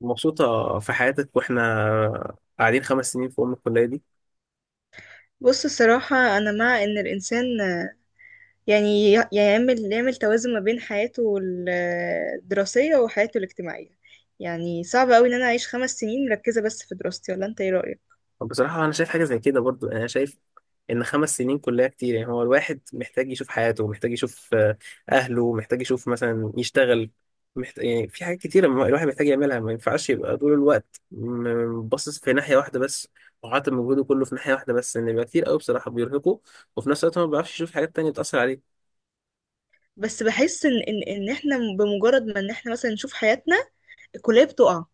مبسوطة في حياتك واحنا قاعدين 5 سنين في أم الكلية دي؟ بص الصراحة أنا مع إن الإنسان يعني يعمل توازن ما بين حياته الدراسية وحياته الاجتماعية. يعني صعب أوي إن أنا أعيش 5 سنين مركزة بس في دراستي، ولا أنت إيه رأيك؟ طب بصراحة أنا شايف حاجة زي كده برضو، يعني أنا شايف إن 5 سنين كلية كتير. يعني هو الواحد محتاج يشوف حياته، محتاج يشوف أهله، محتاج يشوف مثلا يشتغل، محتاج، يعني في حاجات كتيرة الواحد محتاج يعملها. ما ينفعش يبقى طول الوقت باصص في ناحية واحدة بس، وحاطط مجهوده كله في ناحية واحدة بس، إن بيبقى كتير أوي، بصراحة بيرهقه. وفي نفس الوقت هو ما بيعرفش يشوف حاجات تانية بتأثر عليه. بس بحس إن إحنا بمجرد ما إن إحنا مثلا نشوف حياتنا الكلية بتقع،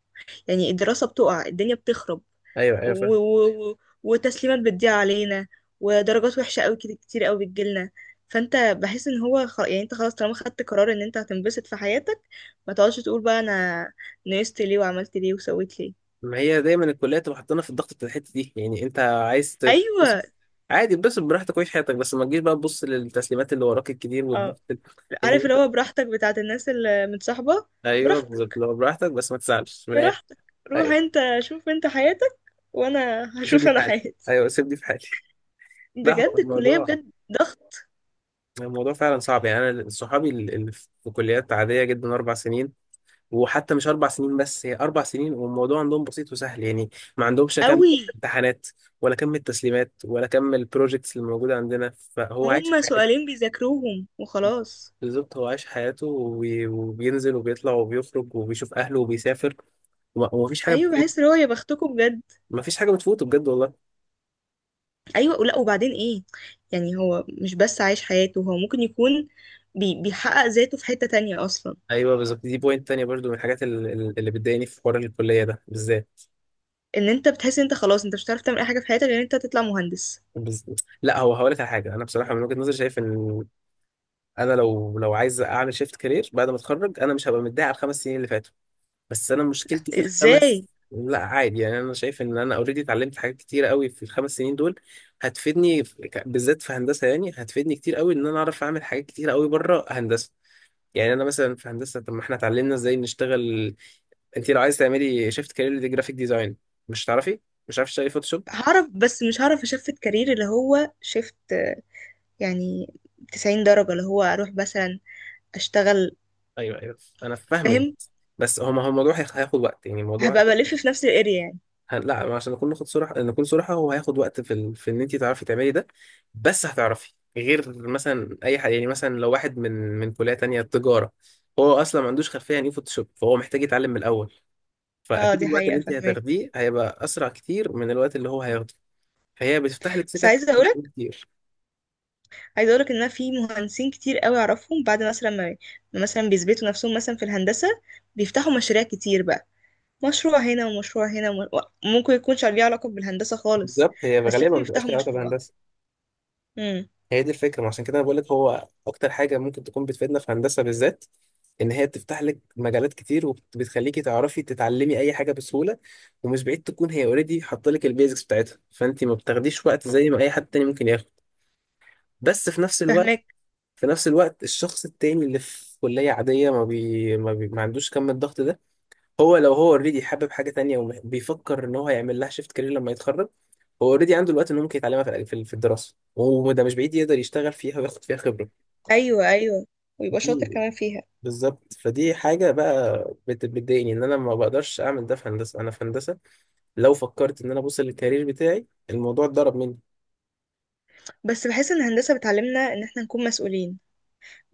يعني الدراسة بتقع، الدنيا بتخرب أيوه، أيوه، و... فاهم. و... و- وتسليمات بتضيع علينا، ودرجات وحشة قوي كتير قوي بتجيلنا. فانت بحس ان هو يعني انت خلاص طالما خدت قرار ان انت هتنبسط في حياتك، ما تقعدش تقول بقى انا نقصت ليه وعملت ليه وسويت ليه. ما هي دايما الكليه تبقى حاطانا في الضغط بتاع الحته دي. يعني انت عايز تتبسط، ايوه. عادي اتبسط براحتك وعيش حياتك، بس ما تجيش بقى تبص للتسليمات اللي وراك الكتير اه، والضغط عارف يعني. اللي هو براحتك بتاعت الناس اللي متصاحبة. ايوه بالظبط، براحتك، لو براحتك بس ما تزعلش من الاخر. براحتك، روح ايوه، انت شوف انت حياتك، وانا سيبني هشوف في انا حالي. حياتي. ايوه، سيبني في حالي. لا، هو بجد الكلية الموضوع، بجد ضغط الموضوع فعلا صعب. يعني انا صحابي اللي في كليات عاديه جدا، 4 سنين. وحتى مش 4 سنين، بس هي 4 سنين. والموضوع عندهم بسيط وسهل، يعني ما عندهمش كم قوي. امتحانات، ولا كم التسليمات، ولا كم البروجيكتس اللي موجوده عندنا. فهو عايش، هما سؤالين بيذاكروهم وخلاص. بالظبط، هو عايش حياته، وبينزل وبيطلع وبيخرج وبيشوف أهله وبيسافر، ومفيش حاجة ايوه، بتفوت. بحس اللي هو يا بختكم بجد. مفيش حاجة بتفوته بجد والله. ايوه، ولا وبعدين ايه؟ يعني هو مش بس عايش حياته، هو ممكن يكون بيحقق ذاته في حتة تانية اصلا. أيوه، بالظبط. دي بوينت تانية برضو من الحاجات اللي بتضايقني في حوار الكلية ده بالذات. ان انت بتحس ان انت خلاص انت مش هتعرف تعمل اي حاجة في حياتك غير ان انت تطلع مهندس. بز... لا، هو هقول لك على حاجة. أنا بصراحة من وجهة نظري شايف إن أنا لو عايز أعمل شيفت كارير بعد ما أتخرج، أنا مش هبقى متضايق على ال5 سنين اللي فاتوا. بس انا مشكلتي في الخمس. ازاي؟ لا عادي، يعني انا شايف ان انا اوريدي اتعلمت حاجات كتير قوي في ال5 سنين دول. هتفيدني بالذات في هندسه. يعني هتفيدني كتير قوي ان انا اعرف اعمل حاجات كتير قوي بره هندسه. يعني انا مثلا في هندسه، طب ما احنا اتعلمنا ازاي نشتغل. انت لو عايز تعملي شيفت كارير دي جرافيك ديزاين، مش هتعرفي، مش عارف تشتغلي فوتوشوب. هعرف بس مش هعرف اشفت كارير اللي هو شفت، يعني 90 درجة اللي هو اروح مثلا اشتغل. ايوه ايوه، انا فاهمك. فاهم. بس هو، ما هو الموضوع هياخد وقت، يعني الموضوع. هبقى بلف في نفس الاريا يعني. لا، عشان نكون ناخد صراحة، نكون صراحة، هو هياخد وقت في ان انت تعرفي تعملي ده. بس هتعرفي غير مثلا اي حاجة. يعني مثلا لو واحد من كلية تانية تجارة، هو اصلا ما عندوش خلفية عن ايه فوتوشوب، فهو محتاج يتعلم من الاول. اه، فاكيد دي الوقت اللي حقيقة انت فاهمك. هتاخديه هيبقى اسرع كتير من الوقت اللي هو هياخده. فهي بتفتح لك بس سكك عايزة اقول، كتير. عايزه اقولك ان انا في مهندسين كتير قوي اعرفهم بعد مثلا ما مثلا بيثبتوا نفسهم مثلا في الهندسه، بيفتحوا مشاريع كتير بقى، مشروع هنا ومشروع هنا وممكن يكونش ليه علاقه بالهندسه خالص. بالظبط، هي بس غالبا لازم ما بتبقاش يفتحوا ليها علاقة مشروع. بهندسة. امم. هي دي الفكرة. ما عشان كده انا بقول لك هو اكتر حاجة ممكن تكون بتفيدنا في هندسة بالذات، ان هي بتفتح لك مجالات كتير وبتخليكي تعرفي تتعلمي اي حاجة بسهولة. ومش بعيد تكون هي اوريدي حاطه لك البيزكس بتاعتها، فانت ما بتاخديش وقت زي ما اي حد تاني ممكن ياخد. بس في نفس الوقت، فهمك. في نفس الوقت الشخص التاني اللي في كلية عادية ما عندوش كم الضغط ده. هو لو هو اوريدي حابب حاجة تانية وبيفكر ان هو هيعمل لها شيفت كارير لما يتخرج، هو اوريدي عنده الوقت انه ممكن يتعلمها في الدراسة. وده مش بعيد يقدر يشتغل فيها وياخد فيها خبرة. ايوه، ايوه. ويبقى دي شاطر كمان فيها. بالظبط. فدي حاجة بقى بتضايقني، ان انا ما بقدرش اعمل ده في هندسة. انا في هندسة لو فكرت ان انا ابص للكارير بتاعي، الموضوع اتضرب مني. بس بحس ان الهندسه بتعلمنا ان احنا نكون مسؤولين.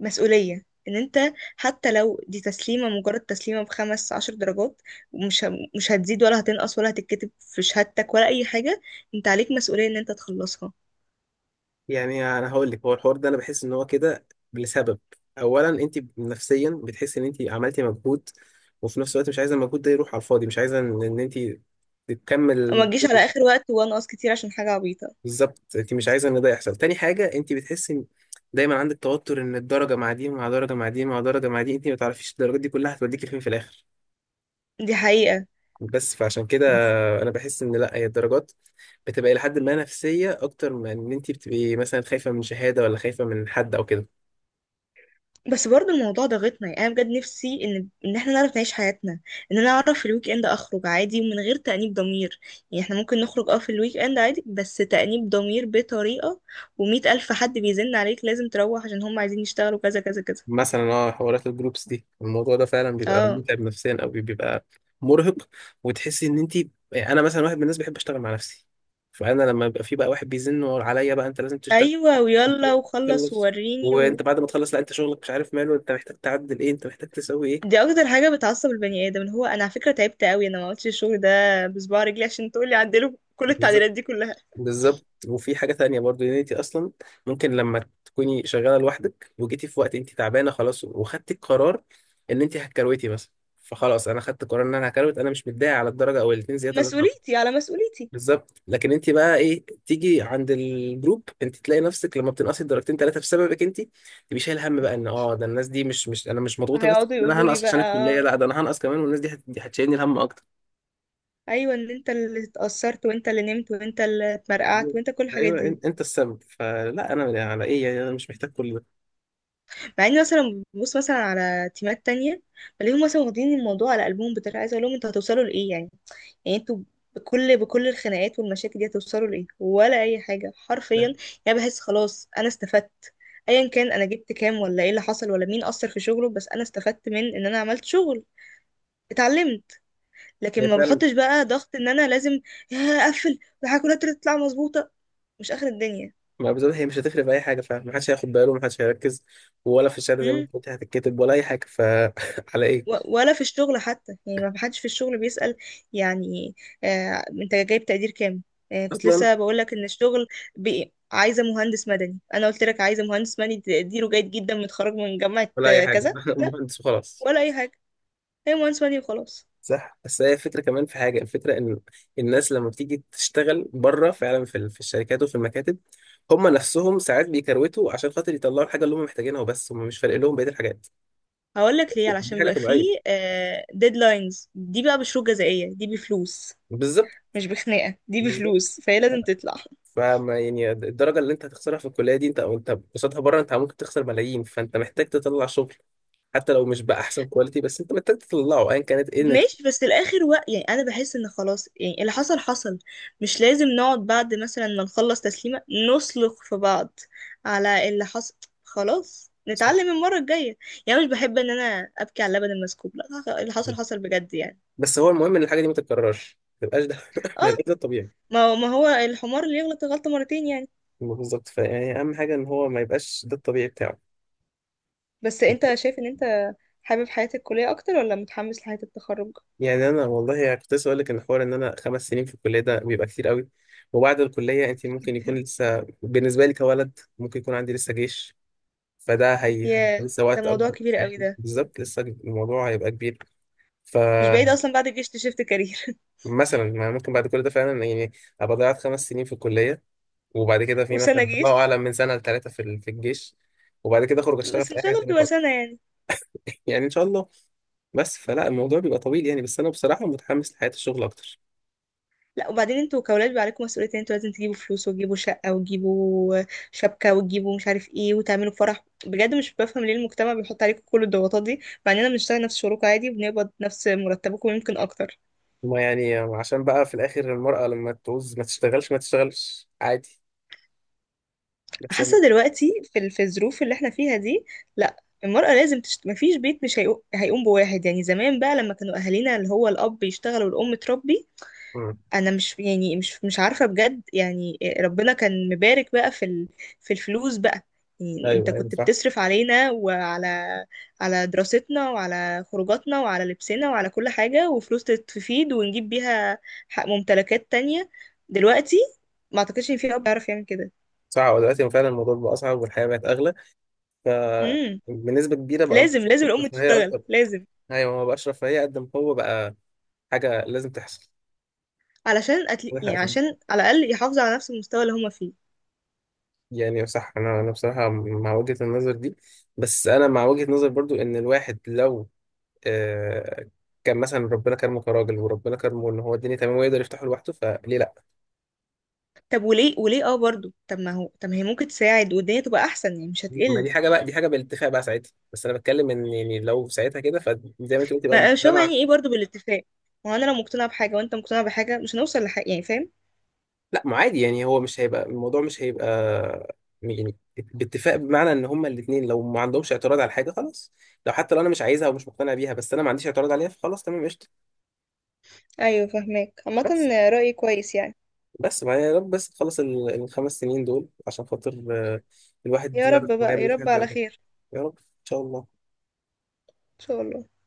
مسؤوليه ان انت حتى لو دي تسليمه مجرد تسليمه ب15 درجات، ومش مش هتزيد ولا هتنقص ولا هتتكتب في شهادتك ولا اي حاجه، انت عليك مسؤولية ان انت تخلصها، يعني انا هقول لك هو الحوار ده انا بحس ان هو كده لسبب. اولا انت نفسيا بتحس ان انت عملتي مجهود، وفي نفس الوقت مش عايزة المجهود ده يروح على الفاضي، مش عايزة إن انت تكمل وما تجيش المجهود. على اخر وقت وانقص كتير عشان حاجه عبيطه. بالظبط، انت مش عايزة ان ده يحصل. تاني حاجة، انت بتحسي إن دايما عندك توتر، ان الدرجة مع دي مع درجة مع دي مع درجة مع دي، انت ما تعرفيش الدرجات دي كلها هتوديكي فين في الاخر. دي حقيقه. بس فعشان كده انا بحس ان لا، هي الدرجات بتبقى لحد ما نفسيه اكتر من ان انت بتبقي مثلا خايفه من شهاده ولا خايفه من حد او كده. بس برضو الموضوع ضاغطنا، يعني انا بجد نفسي ان احنا نعرف نعيش حياتنا، ان انا اعرف في الويك اند اخرج عادي ومن غير تانيب ضمير. يعني احنا ممكن نخرج في الويك اند عادي بس تانيب ضمير بطريقه، و100 ألف حد بيزن عليك لازم تروح عشان هم عايزين يشتغلوا كذا كذا كذا. مثلا اه، حوارات الجروبس دي، الموضوع ده فعلا بيبقى اه، متعب نفسيا، او بيبقى مرهق. وتحسي ان انت، انا مثلا واحد من الناس بحب اشتغل مع نفسي. فانا لما يبقى في بقى واحد بيزن عليا بقى انت لازم تشتغل، ايوه، أنت ويلا لازم وخلص تخلص. ووريني. وانت بعد ما تخلص، لا، انت شغلك مش عارف ماله، انت محتاج تعدل ايه، انت محتاج تسوي دي اكتر حاجه بتعصب البني ادم، اللي هو انا على فكره تعبت قوي، انا ما عملتش الشغل ده بصباع رجلي عشان تقولي عدله كل ايه. التعديلات دي كلها. بالظبط. وفي حاجة تانية برضو، ان انت اصلا ممكن لما تكوني شغالة لوحدك وجيتي في وقت انت تعبانة خلاص وخدتي القرار ان انت هتكروتي مثلا. فخلاص، انا خدت قرار ان انا هكروت، انا مش متضايق على الدرجة او الاتنين زيادة اللي أنا هاخدهم. مسؤوليتي على مسؤوليتي. بالظبط. لكن انت بقى ايه، تيجي عند الجروب انت تلاقي نفسك لما بتنقصي درجتين ثلاثة بسببك انت، تبقي شايل هم بقى ان اه ده الناس دي مش انا، مش مضغوطة بس هيقعدوا ان انا يقولوا لي هنقص عشان بقى الكلية، لا، ده انا هنقص كمان والناس دي دي هتشيلني الهم اكتر. ايوه، ان انت اللي اتأثرت وانت اللي نمت وانت اللي اتمرقعت بالظبط. وانت كل الحاجات ايوه، دي. انت السبب. فلا، انا على ايه؟ يعني انا مش محتاج كل ده. مع اني مثلا ببص مثلا على تيمات تانية بلاقيهم مثلا واخدين الموضوع على قلبهم بطريقه، عايزه اقول لهم انتوا هتوصلوا لايه يعني؟ يعني انتوا بكل الخناقات والمشاكل دي هتوصلوا لايه ولا اي حاجه حرفيا؟ يعني بحس خلاص انا استفدت، ايا كان انا جبت كام ولا ايه اللي حصل ولا مين اثر في شغله، بس انا استفدت من ان انا عملت شغل، اتعلمت. هي لكن ما فعلا، بحطش بقى ضغط ان انا لازم يا اقفل والحاجات تطلع مظبوطه، مش اخر الدنيا. ما بالظبط هي مش هتفرق في اي حاجه فعلا، محدش هياخد باله ومحدش هيركز. ولا في الشهاده زي ما امم. انت قلت هتتكتب، ولا اي حاجه. فعلى ايه ولا في الشغل حتى، يعني ما حدش في الشغل بيسأل يعني، آه، انت جايب تقدير كام؟ آه، كنت اصلا؟ لسه بقول لك ان الشغل عايزه مهندس مدني. انا قلت لك عايزه مهندس مدني تقديره جيد جدا متخرج من جامعه ولا اي حاجه. كذا. لا، مهندس وخلاص. ولا اي حاجه. هي مهندس مدني وخلاص. صح. بس هي الفكره كمان، في حاجه، الفكره ان الناس لما بتيجي تشتغل بره فعلا في الشركات وفي المكاتب، هم نفسهم ساعات بيكروتوا عشان خاطر يطلعوا الحاجه اللي هم محتاجينها وبس، هم مش فارق لهم بقيه الحاجات. هقول لك ليه، دي علشان حاجه بيبقى فيه طبيعيه. ديدلاينز، دي بقى بشروط جزائيه، دي بفلوس، بالظبط. مش بخناقه، دي بالظبط. بفلوس فهي لازم تطلع. فما يعني الدرجه اللي انت هتخسرها في الكليه دي، انت او انت قصادها بره، انت ممكن تخسر ملايين. فانت محتاج تطلع شغل حتى لو مش بأحسن كواليتي، بس انت محتاج تطلعه ايا كانت ايه النتيجه. ماشي. بس الاخر يعني انا بحس ان خلاص، يعني اللي حصل حصل، مش لازم نقعد بعد مثلا ما نخلص تسليمة نسلق في بعض على اللي حصل، خلاص صح. نتعلم المرة الجاية. يعني مش بحب ان انا ابكي على اللبن المسكوب، لا اللي حصل حصل بجد يعني. بس هو المهم ان الحاجه دي ما تتكررش، ما تبقاش ده اه، ما يبقاش ده الطبيعي. ما هو الحمار اللي يغلط غلطة مرتين يعني. بالظبط. فيعني اهم حاجه ان هو ما يبقاش ده الطبيعي بتاعه. بس انت شايف ان انت حابب حياة الكلية اكتر ولا متحمس لحياة التخرج؟ يعني انا والله، يعني كنت لسه اقول لك ان حوار ان انا 5 سنين في الكليه ده بيبقى كتير قوي. وبعد الكليه انت كتير ممكن يكون جدا. لسه، بالنسبه لي كولد ممكن يكون عندي لسه جيش. فده ياه، لسه ده وقت موضوع اكبر. كبير قوي يعني ده. بالظبط، لسه الموضوع هيبقى كبير. مش بعيد فمثلا، اصلا بعد الجيش تشفت كارير ما ممكن بعد كل ده فعلا، يعني ابقى ضيعت 5 سنين في الكليه، وبعد كده في وسنة مثلا الله جيش. اعلم من سنه لثلاثه في الجيش، وبعد كده اخرج اشتغل بس في ان اي شاء حاجه الله تانيه بتبقى خالص. سنة يعني. يعني ان شاء الله. بس فلا، الموضوع بيبقى طويل يعني، بس انا بصراحه متحمس لحياه الشغل اكتر. لا وبعدين انتوا كأولاد بيبقى عليكم مسؤوليتين، انتوا لازم تجيبوا فلوس وتجيبوا شقة وتجيبوا شبكة وتجيبوا مش عارف ايه وتعملوا فرح، بجد مش بفهم ليه المجتمع بيحط عليكم كل الضغوطات دي، مع اننا بنشتغل نفس شغلكم عادي وبنقبض نفس مرتبكم يمكن اكتر. ما يعني عشان بقى في الاخر، المراه لما تعوز ما تشتغلش ما تشتغلش عادي. بس أنا- حاسة دلوقتي في الظروف اللي احنا فيها دي. لا، المرأة لازم مفيش بيت مش هيقو- هيقوم بواحد يعني، زمان بقى لما كانوا أهالينا اللي هو الأب يشتغل والأم تربي. مم. انا مش، يعني مش عارفه بجد، يعني ربنا كان مبارك بقى في الفلوس بقى، يعني انت ايوه ايوه، كنت صح. بتصرف علينا، وعلى دراستنا وعلى خروجاتنا وعلى لبسنا وعلى كل حاجه، وفلوس تفيد ونجيب بيها حق ممتلكات تانية. دلوقتي ما اعتقدش ان في اب يعرف يعمل كده. صح، هو دلوقتي فعلا الموضوع بقى اصعب والحياه بقت اغلى. ف امم. بنسبه كبيره بقى لازم الموضوع لازم مش الام رفاهيه تشتغل، اكتر. لازم، ايوه، ما بقاش رفاهيه قد ما هو بقى حاجه لازم تحصل. علشان يعني عشان على الاقل يحافظوا على نفس المستوى اللي هما فيه. يعني صح. انا بصراحه مع وجهه النظر دي. بس انا مع وجهه نظر برضو ان الواحد لو، آه كان مثلا ربنا كرمه كراجل، وربنا كرمه ان هو الدنيا تمام ويقدر يفتحه لوحده، فليه لا؟ طب وليه برضو، طب ما هي ممكن تساعد والدنيا تبقى احسن يعني مش ما هتقل. دي حاجه بقى، دي حاجه بالاتفاق بقى ساعتها. بس انا بتكلم ان يعني لو ساعتها كده، فزي ما انت قلت يبقى ما مش فاهمة المجتمع. يعني ايه برضو بالاتفاق؟ ما هو انا لو مقتنعة بحاجة وانت مقتنع بحاجة مش هنوصل لحاجة، يعني فاهم؟ لا، ما عادي، يعني هو مش هيبقى، الموضوع مش هيبقى، يعني باتفاق بمعنى ان هما الاثنين لو ما عندهمش اعتراض على حاجه خلاص. لو حتى لو انا مش عايزها ومش مقتنع بيها، بس انا ما عنديش اعتراض عليها، فخلاص تمام قشطه. ايوه فاهماك. عامة بس، رأيي كويس يعني. بس ما يا رب بس تخلص ال5 سنين دول عشان خاطر الواحد يا يعرف رب هو هيعمل بقى، يا ايه في رب حياته بعد على كده. خير، يا رب ان شاء الله. ان شاء الله.